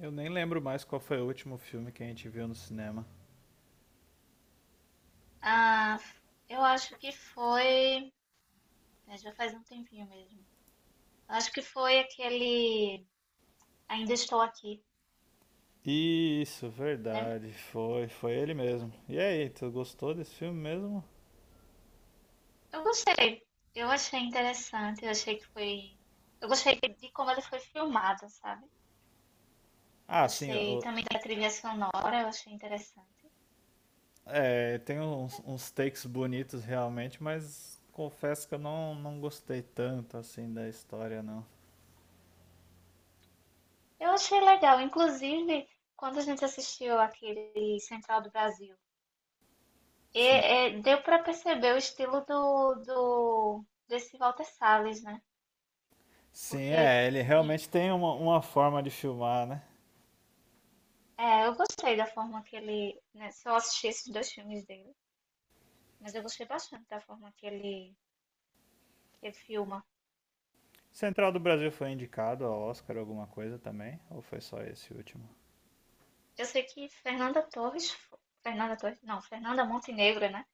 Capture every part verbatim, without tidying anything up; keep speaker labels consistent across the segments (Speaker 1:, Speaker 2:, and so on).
Speaker 1: Eu nem lembro mais qual foi o último filme que a gente viu no cinema.
Speaker 2: Ah, eu acho que foi. É, já faz um tempinho mesmo. Eu acho que foi aquele Ainda Estou Aqui,
Speaker 1: Isso,
Speaker 2: lembra?
Speaker 1: verdade. Foi, foi ele
Speaker 2: Foi.
Speaker 1: mesmo. E aí, tu gostou desse filme mesmo?
Speaker 2: Eu gostei. Eu achei interessante. Eu achei que foi. Eu gostei de como ele foi filmado, sabe? Eu
Speaker 1: Ah, sim,
Speaker 2: gostei
Speaker 1: o-
Speaker 2: também da trilha sonora. Eu achei interessante.
Speaker 1: é, tem uns, uns takes bonitos realmente, mas confesso que eu não, não gostei tanto assim da história, não.
Speaker 2: Eu achei legal. Inclusive, quando a gente assistiu aquele Central do Brasil, e,
Speaker 1: Sim.
Speaker 2: é, deu para perceber o estilo do, do desse Walter Salles, né?
Speaker 1: Sim,
Speaker 2: Porque
Speaker 1: é, ele realmente tem uma, uma forma de filmar, né?
Speaker 2: é, eu gostei da forma que ele, né, só assisti esses dois filmes dele, mas eu gostei bastante da forma que ele, que ele filma.
Speaker 1: Central do Brasil foi indicado ao Oscar alguma coisa também? Ou foi só esse último?
Speaker 2: Eu sei que Fernanda Torres, fo- Fernanda Torres, não, Fernanda Montenegro, né?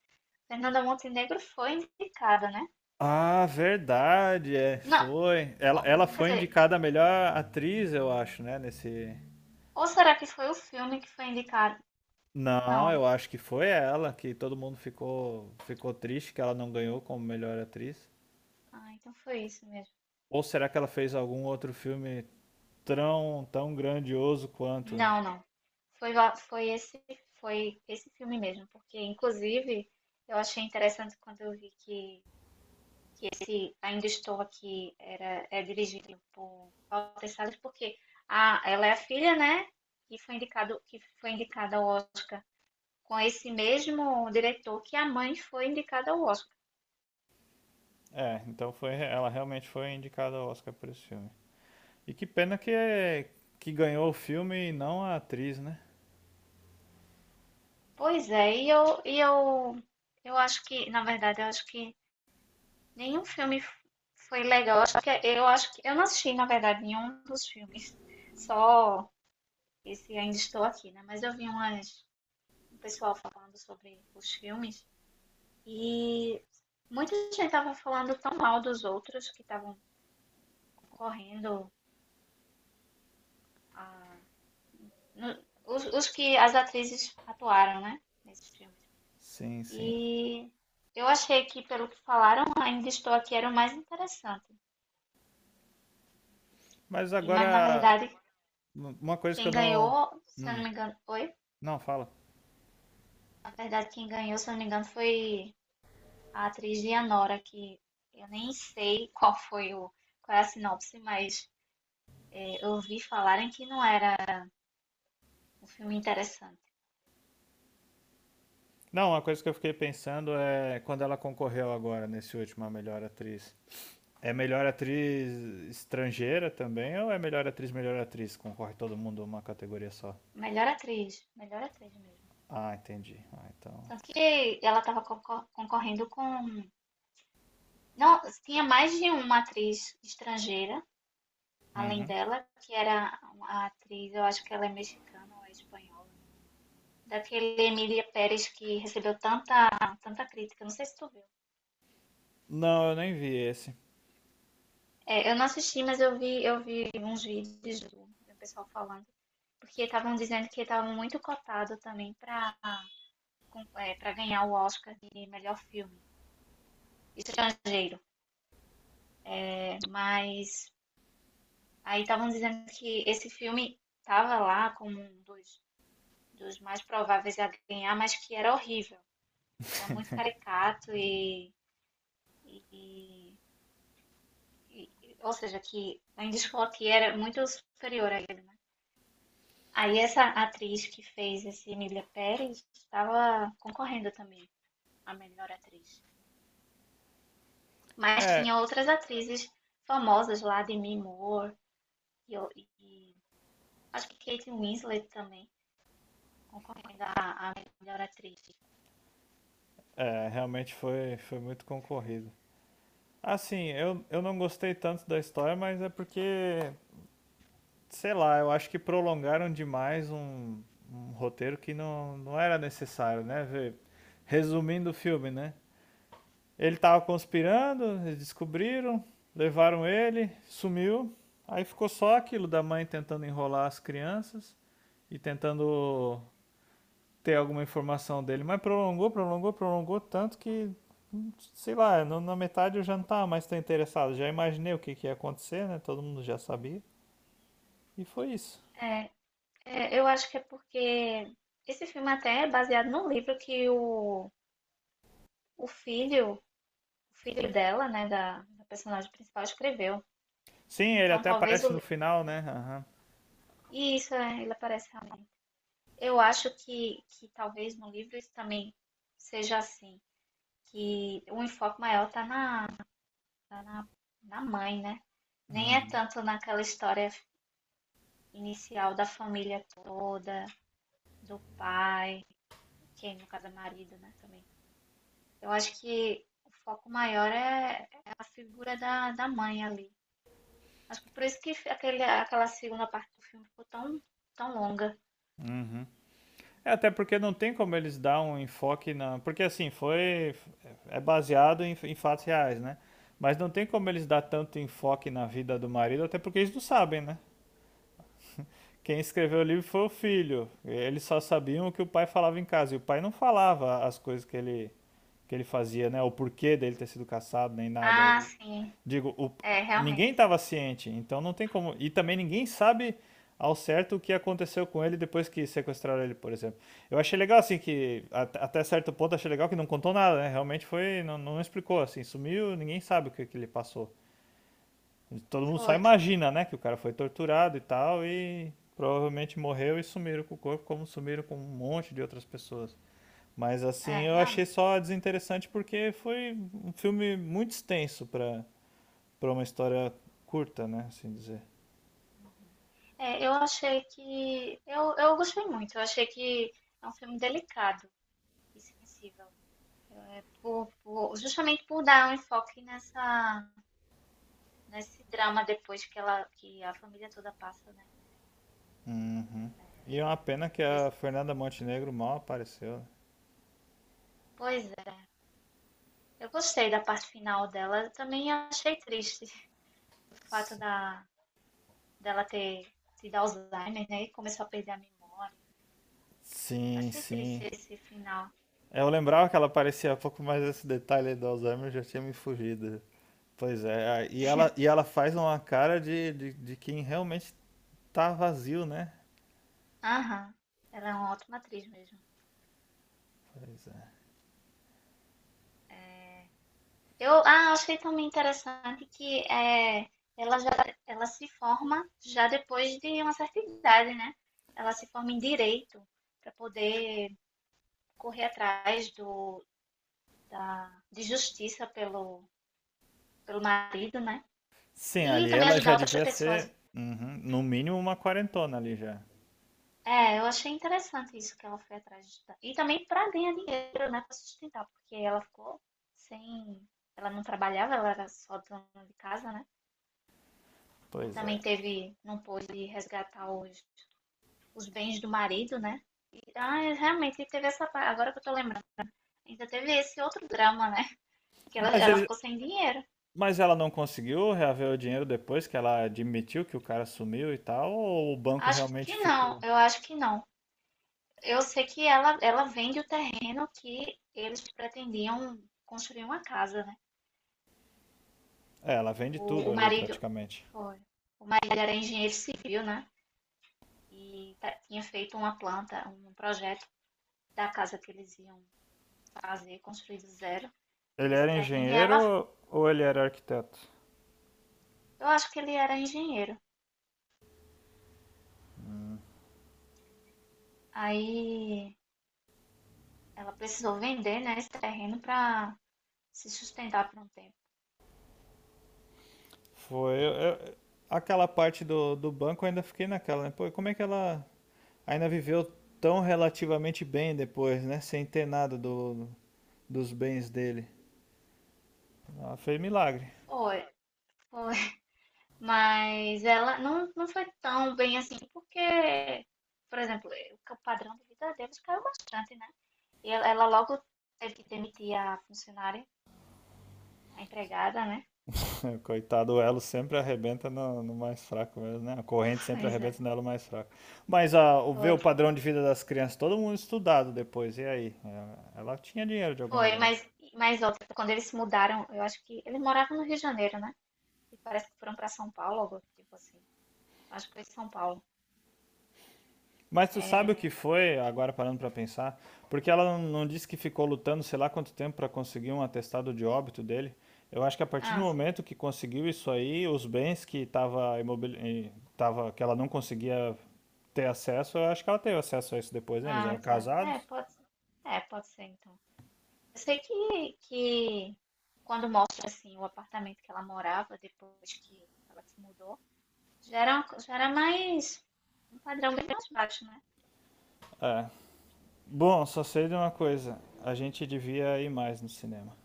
Speaker 2: Fernanda Montenegro foi indicada, né?
Speaker 1: Ah, verdade, é,
Speaker 2: Não,
Speaker 1: foi. Ela,
Speaker 2: ou-
Speaker 1: ela
Speaker 2: quer
Speaker 1: foi
Speaker 2: dizer,
Speaker 1: indicada a melhor atriz, eu acho, né, nesse...
Speaker 2: ou será que foi o filme que foi indicado?
Speaker 1: Não,
Speaker 2: Não,
Speaker 1: eu acho que foi ela, que todo mundo ficou, ficou triste que ela não ganhou como melhor atriz.
Speaker 2: ah, então foi isso mesmo.
Speaker 1: Ou será que ela fez algum outro filme tão, tão grandioso quanto?
Speaker 2: Não, não. Foi, lá- foi esse, foi esse filme mesmo, porque inclusive eu achei interessante quando eu vi que Ainda Estou Aqui era, é dirigido por Paula Teixeira, porque a, ela é a filha, né? Que foi, indicado, que foi indicada ao Oscar com esse mesmo diretor que a mãe foi indicada ao Oscar.
Speaker 1: É, então foi, ela realmente foi indicada ao Oscar por esse filme. E que pena que, é, que ganhou o filme e não a atriz, né?
Speaker 2: Pois é, e eu, e eu, eu acho que, na verdade, eu acho que nenhum filme foi legal. Eu acho que eu, acho que, eu não assisti, na verdade, nenhum dos filmes. Só esse Ainda Estou Aqui, né? Mas eu vi umas, um pessoal falando sobre os filmes. E muita gente estava falando tão mal dos outros que estavam concorrendo a- no- os, os que as atrizes atuaram, né? Nesses filmes.
Speaker 1: Sim, sim.
Speaker 2: E eu achei que, pelo que falaram, Ainda Estou Aqui era o mais interessante.
Speaker 1: Mas
Speaker 2: E, mas na
Speaker 1: agora,
Speaker 2: verdade,
Speaker 1: uma coisa que
Speaker 2: quem
Speaker 1: eu não...
Speaker 2: ganhou, se eu não
Speaker 1: Hum,
Speaker 2: me engano, oi?
Speaker 1: não, fala.
Speaker 2: Na verdade, quem ganhou, se eu não me engano, foi a atriz Dianora, que eu nem sei qual foi o, qual é a sinopse, mas eh, eu ouvi falarem que não era um filme interessante.
Speaker 1: Não, uma coisa que eu fiquei pensando é quando ela concorreu agora nesse último a melhor atriz. É melhor atriz estrangeira também ou é melhor atriz, melhor atriz? Concorre todo mundo uma categoria só.
Speaker 2: Melhor atriz, melhor atriz mesmo.
Speaker 1: Ah, entendi. Ah, então.
Speaker 2: Tanto que ela estava concorrendo com. Não, tinha mais de uma atriz estrangeira, além
Speaker 1: Uhum.
Speaker 2: dela, que era a atriz, eu acho que ela é mexicana ou é espanhola. Daquele Emília Pérez que recebeu tanta, tanta crítica, não sei se tu viu.
Speaker 1: Não, eu nem vi esse.
Speaker 2: É, eu não assisti, mas eu vi, eu vi uns vídeos do, do pessoal falando, porque estavam dizendo que estava muito cotado também para é, para ganhar o Oscar de melhor filme estrangeiro. Mas aí estavam dizendo que esse filme estava lá como um dos, dos mais prováveis a ganhar, mas que era horrível. Era muito caricato e, e- e- e- ou seja, que Andy Scott era muito superior a ele, né? Aí essa atriz que fez esse Emília Pérez estava concorrendo também a melhor atriz. Mas
Speaker 1: É,
Speaker 2: tinha outras atrizes famosas lá, Demi Moore e, e acho que Kate Winslet também, concorrendo à, à melhor atriz.
Speaker 1: é, realmente foi, foi muito concorrido. Assim, eu, eu não gostei tanto da história, mas é porque sei lá, eu acho que prolongaram demais um, um roteiro que não, não era necessário, né? Vê, resumindo o filme, né? Ele tava conspirando, eles descobriram, levaram ele, sumiu. Aí ficou só aquilo da mãe tentando enrolar as crianças e tentando ter alguma informação dele. Mas prolongou, prolongou, prolongou tanto que, hum, sei lá, na metade eu já não estava mais tão interessado. Já imaginei o que, que ia acontecer, né? Todo mundo já sabia. E foi isso.
Speaker 2: É, eu acho que é porque esse filme até é baseado num livro que o, o filho, o filho dela, né, da, da personagem principal, escreveu.
Speaker 1: Sim, ele
Speaker 2: Então
Speaker 1: até
Speaker 2: talvez o
Speaker 1: aparece no
Speaker 2: livro,
Speaker 1: final,
Speaker 2: né?
Speaker 1: né? Aham.
Speaker 2: E isso é, ele aparece realmente. Eu acho que, que talvez no livro isso também seja assim. Que o enfoque maior está na, tá na, na mãe, né? Nem é
Speaker 1: Uhum.
Speaker 2: tanto naquela história inicial da família toda, do pai, que é, no caso é marido, né, também. Eu acho que o foco maior é, é a figura da, da mãe ali. Acho que por isso que aquele, aquela segunda parte do filme ficou tão, tão longa.
Speaker 1: Uhum. É, até porque não tem como eles dar um enfoque na. Porque assim, foi. É baseado em, em fatos reais, né? Mas não tem como eles dar tanto enfoque na vida do marido, até porque eles não sabem, né? Quem escreveu o livro foi o filho. Eles só sabiam o que o pai falava em casa. E o pai não falava as coisas que ele, que ele fazia, né? O porquê dele ter sido caçado, nem nada.
Speaker 2: Ah,
Speaker 1: Eu
Speaker 2: sim,
Speaker 1: digo, o-
Speaker 2: é,
Speaker 1: ninguém
Speaker 2: realmente.
Speaker 1: estava ciente, então não tem como. E também ninguém sabe ao certo o que aconteceu com ele depois que sequestraram ele, por exemplo. Eu achei legal, assim, que até certo ponto achei legal que não contou nada, né? Realmente foi, não, não explicou, assim, sumiu, ninguém sabe o que, que ele passou. Todo mundo só
Speaker 2: Foi, foi.
Speaker 1: imagina, né? Que o cara foi torturado e tal, e provavelmente morreu e sumiram com o corpo, como sumiram com um monte de outras pessoas. Mas
Speaker 2: É,
Speaker 1: assim, eu achei
Speaker 2: realmente.
Speaker 1: só desinteressante porque foi um filme muito extenso pra para uma história curta, né? Assim dizer.
Speaker 2: É, eu achei que. Eu, eu gostei muito. Eu achei que é um filme delicado e sensível. É, por- por- justamente por dar um enfoque nessa, nesse drama depois que ela, que a família toda passa, né?
Speaker 1: Uhum. E é uma pena que a
Speaker 2: Desse,
Speaker 1: Fernanda Montenegro mal apareceu, né?
Speaker 2: pois é. Eu gostei da parte final dela. Eu também achei triste o fato
Speaker 1: Si-
Speaker 2: da, dela ter tido Alzheimer, né? E começou a perder a memória.
Speaker 1: Sim,
Speaker 2: Achei
Speaker 1: sim.
Speaker 2: triste esse final.
Speaker 1: Eu lembrava que ela aparecia há pouco mais esse detalhe aí do Alzheimer já tinha me fugido. Pois é, a- e ela, e ela faz uma cara de, de, de quem realmente tá vazio, né?
Speaker 2: Aham. Ela é uma ótima atriz mesmo.
Speaker 1: Pois é.
Speaker 2: Eu, ah, achei também interessante que é, ela já ela se forma já depois de uma certa idade, né? Ela se forma em direito para poder correr atrás do, da, de justiça pelo, pelo marido, né?
Speaker 1: Sim,
Speaker 2: E
Speaker 1: ali
Speaker 2: também
Speaker 1: ela
Speaker 2: ajudar
Speaker 1: já
Speaker 2: outras
Speaker 1: devia
Speaker 2: pessoas.
Speaker 1: ser, uhum, no mínimo, uma quarentona ali já.
Speaker 2: É, eu achei interessante isso que ela foi atrás de ajudar. E também para ganhar dinheiro, né, para sustentar, porque ela ficou sem. Ela não trabalhava, ela era só dona de casa, né? E
Speaker 1: Pois é.
Speaker 2: também teve, não pôde resgatar os, os bens do marido, né? E, ah, é, realmente teve essa. Agora que eu tô lembrando. Ainda teve esse outro drama, né? Que ela,
Speaker 1: Mas,
Speaker 2: ela
Speaker 1: ele,
Speaker 2: ficou sem dinheiro.
Speaker 1: mas ela não conseguiu reaver o dinheiro depois que ela admitiu que o cara sumiu e tal, ou o banco
Speaker 2: Acho
Speaker 1: realmente
Speaker 2: que não,
Speaker 1: ficou?
Speaker 2: eu acho que não. Eu sei que ela, ela vende o terreno que eles pretendiam construir uma casa, né?
Speaker 1: É, ela vende
Speaker 2: O,
Speaker 1: tudo
Speaker 2: o
Speaker 1: ali
Speaker 2: marido
Speaker 1: praticamente.
Speaker 2: foi. O marido era engenheiro civil, né? E ta- tinha feito uma planta, um projeto da casa que eles iam fazer, construir do zero
Speaker 1: Ele
Speaker 2: nesse
Speaker 1: era
Speaker 2: terreno. E ela,
Speaker 1: engenheiro ou ele era arquiteto?
Speaker 2: eu acho que ele era engenheiro. Aí ela precisou vender, né, esse terreno para se sustentar por um tempo.
Speaker 1: Foi. Eu- eu- aquela parte do, do banco eu ainda fiquei naquela, né? Pô, como é que ela ainda viveu tão relativamente bem depois, né? Sem ter nada do, dos bens dele. Ela fez milagre.
Speaker 2: Foi, foi. Mas ela não, não foi tão bem assim, porque, por exemplo, o padrão de vida deles caiu bastante, né? E ela, ela logo teve que demitir a funcionária, a empregada, né?
Speaker 1: Coitado, o elo sempre arrebenta no, no mais fraco mesmo, né? A corrente sempre
Speaker 2: Pois é,
Speaker 1: arrebenta no elo mais fraco. Mas a, o ver
Speaker 2: foi.
Speaker 1: o padrão de vida das crianças, todo mundo estudado depois, e aí? Ela, ela tinha dinheiro de algum
Speaker 2: Foi,
Speaker 1: lugar.
Speaker 2: mas, mas outra, quando eles se mudaram, eu acho que eles moravam no Rio de Janeiro, né? E parece que foram para São Paulo, algo tipo assim. Acho que foi São Paulo.
Speaker 1: Mas tu sabe o
Speaker 2: É,
Speaker 1: que foi, agora parando pra pensar? Porque ela não, não disse que ficou lutando sei lá quanto tempo pra conseguir um atestado de óbito dele. Eu acho que a partir do
Speaker 2: ah, sim.
Speaker 1: momento que conseguiu isso aí, os bens que tava imobili- eh, tava que ela não conseguia ter acesso, eu acho que ela teve acesso a isso depois, né? Eles
Speaker 2: Ah,
Speaker 1: eram
Speaker 2: tá. É,
Speaker 1: casados.
Speaker 2: pode ser. É, pode ser então. Eu sei que, que quando mostra assim o apartamento que ela morava depois que ela se mudou, já era, uma co- já era mais um padrão bem mais baixo, né?
Speaker 1: É. Bom, só sei de uma coisa. A gente devia ir mais no cinema.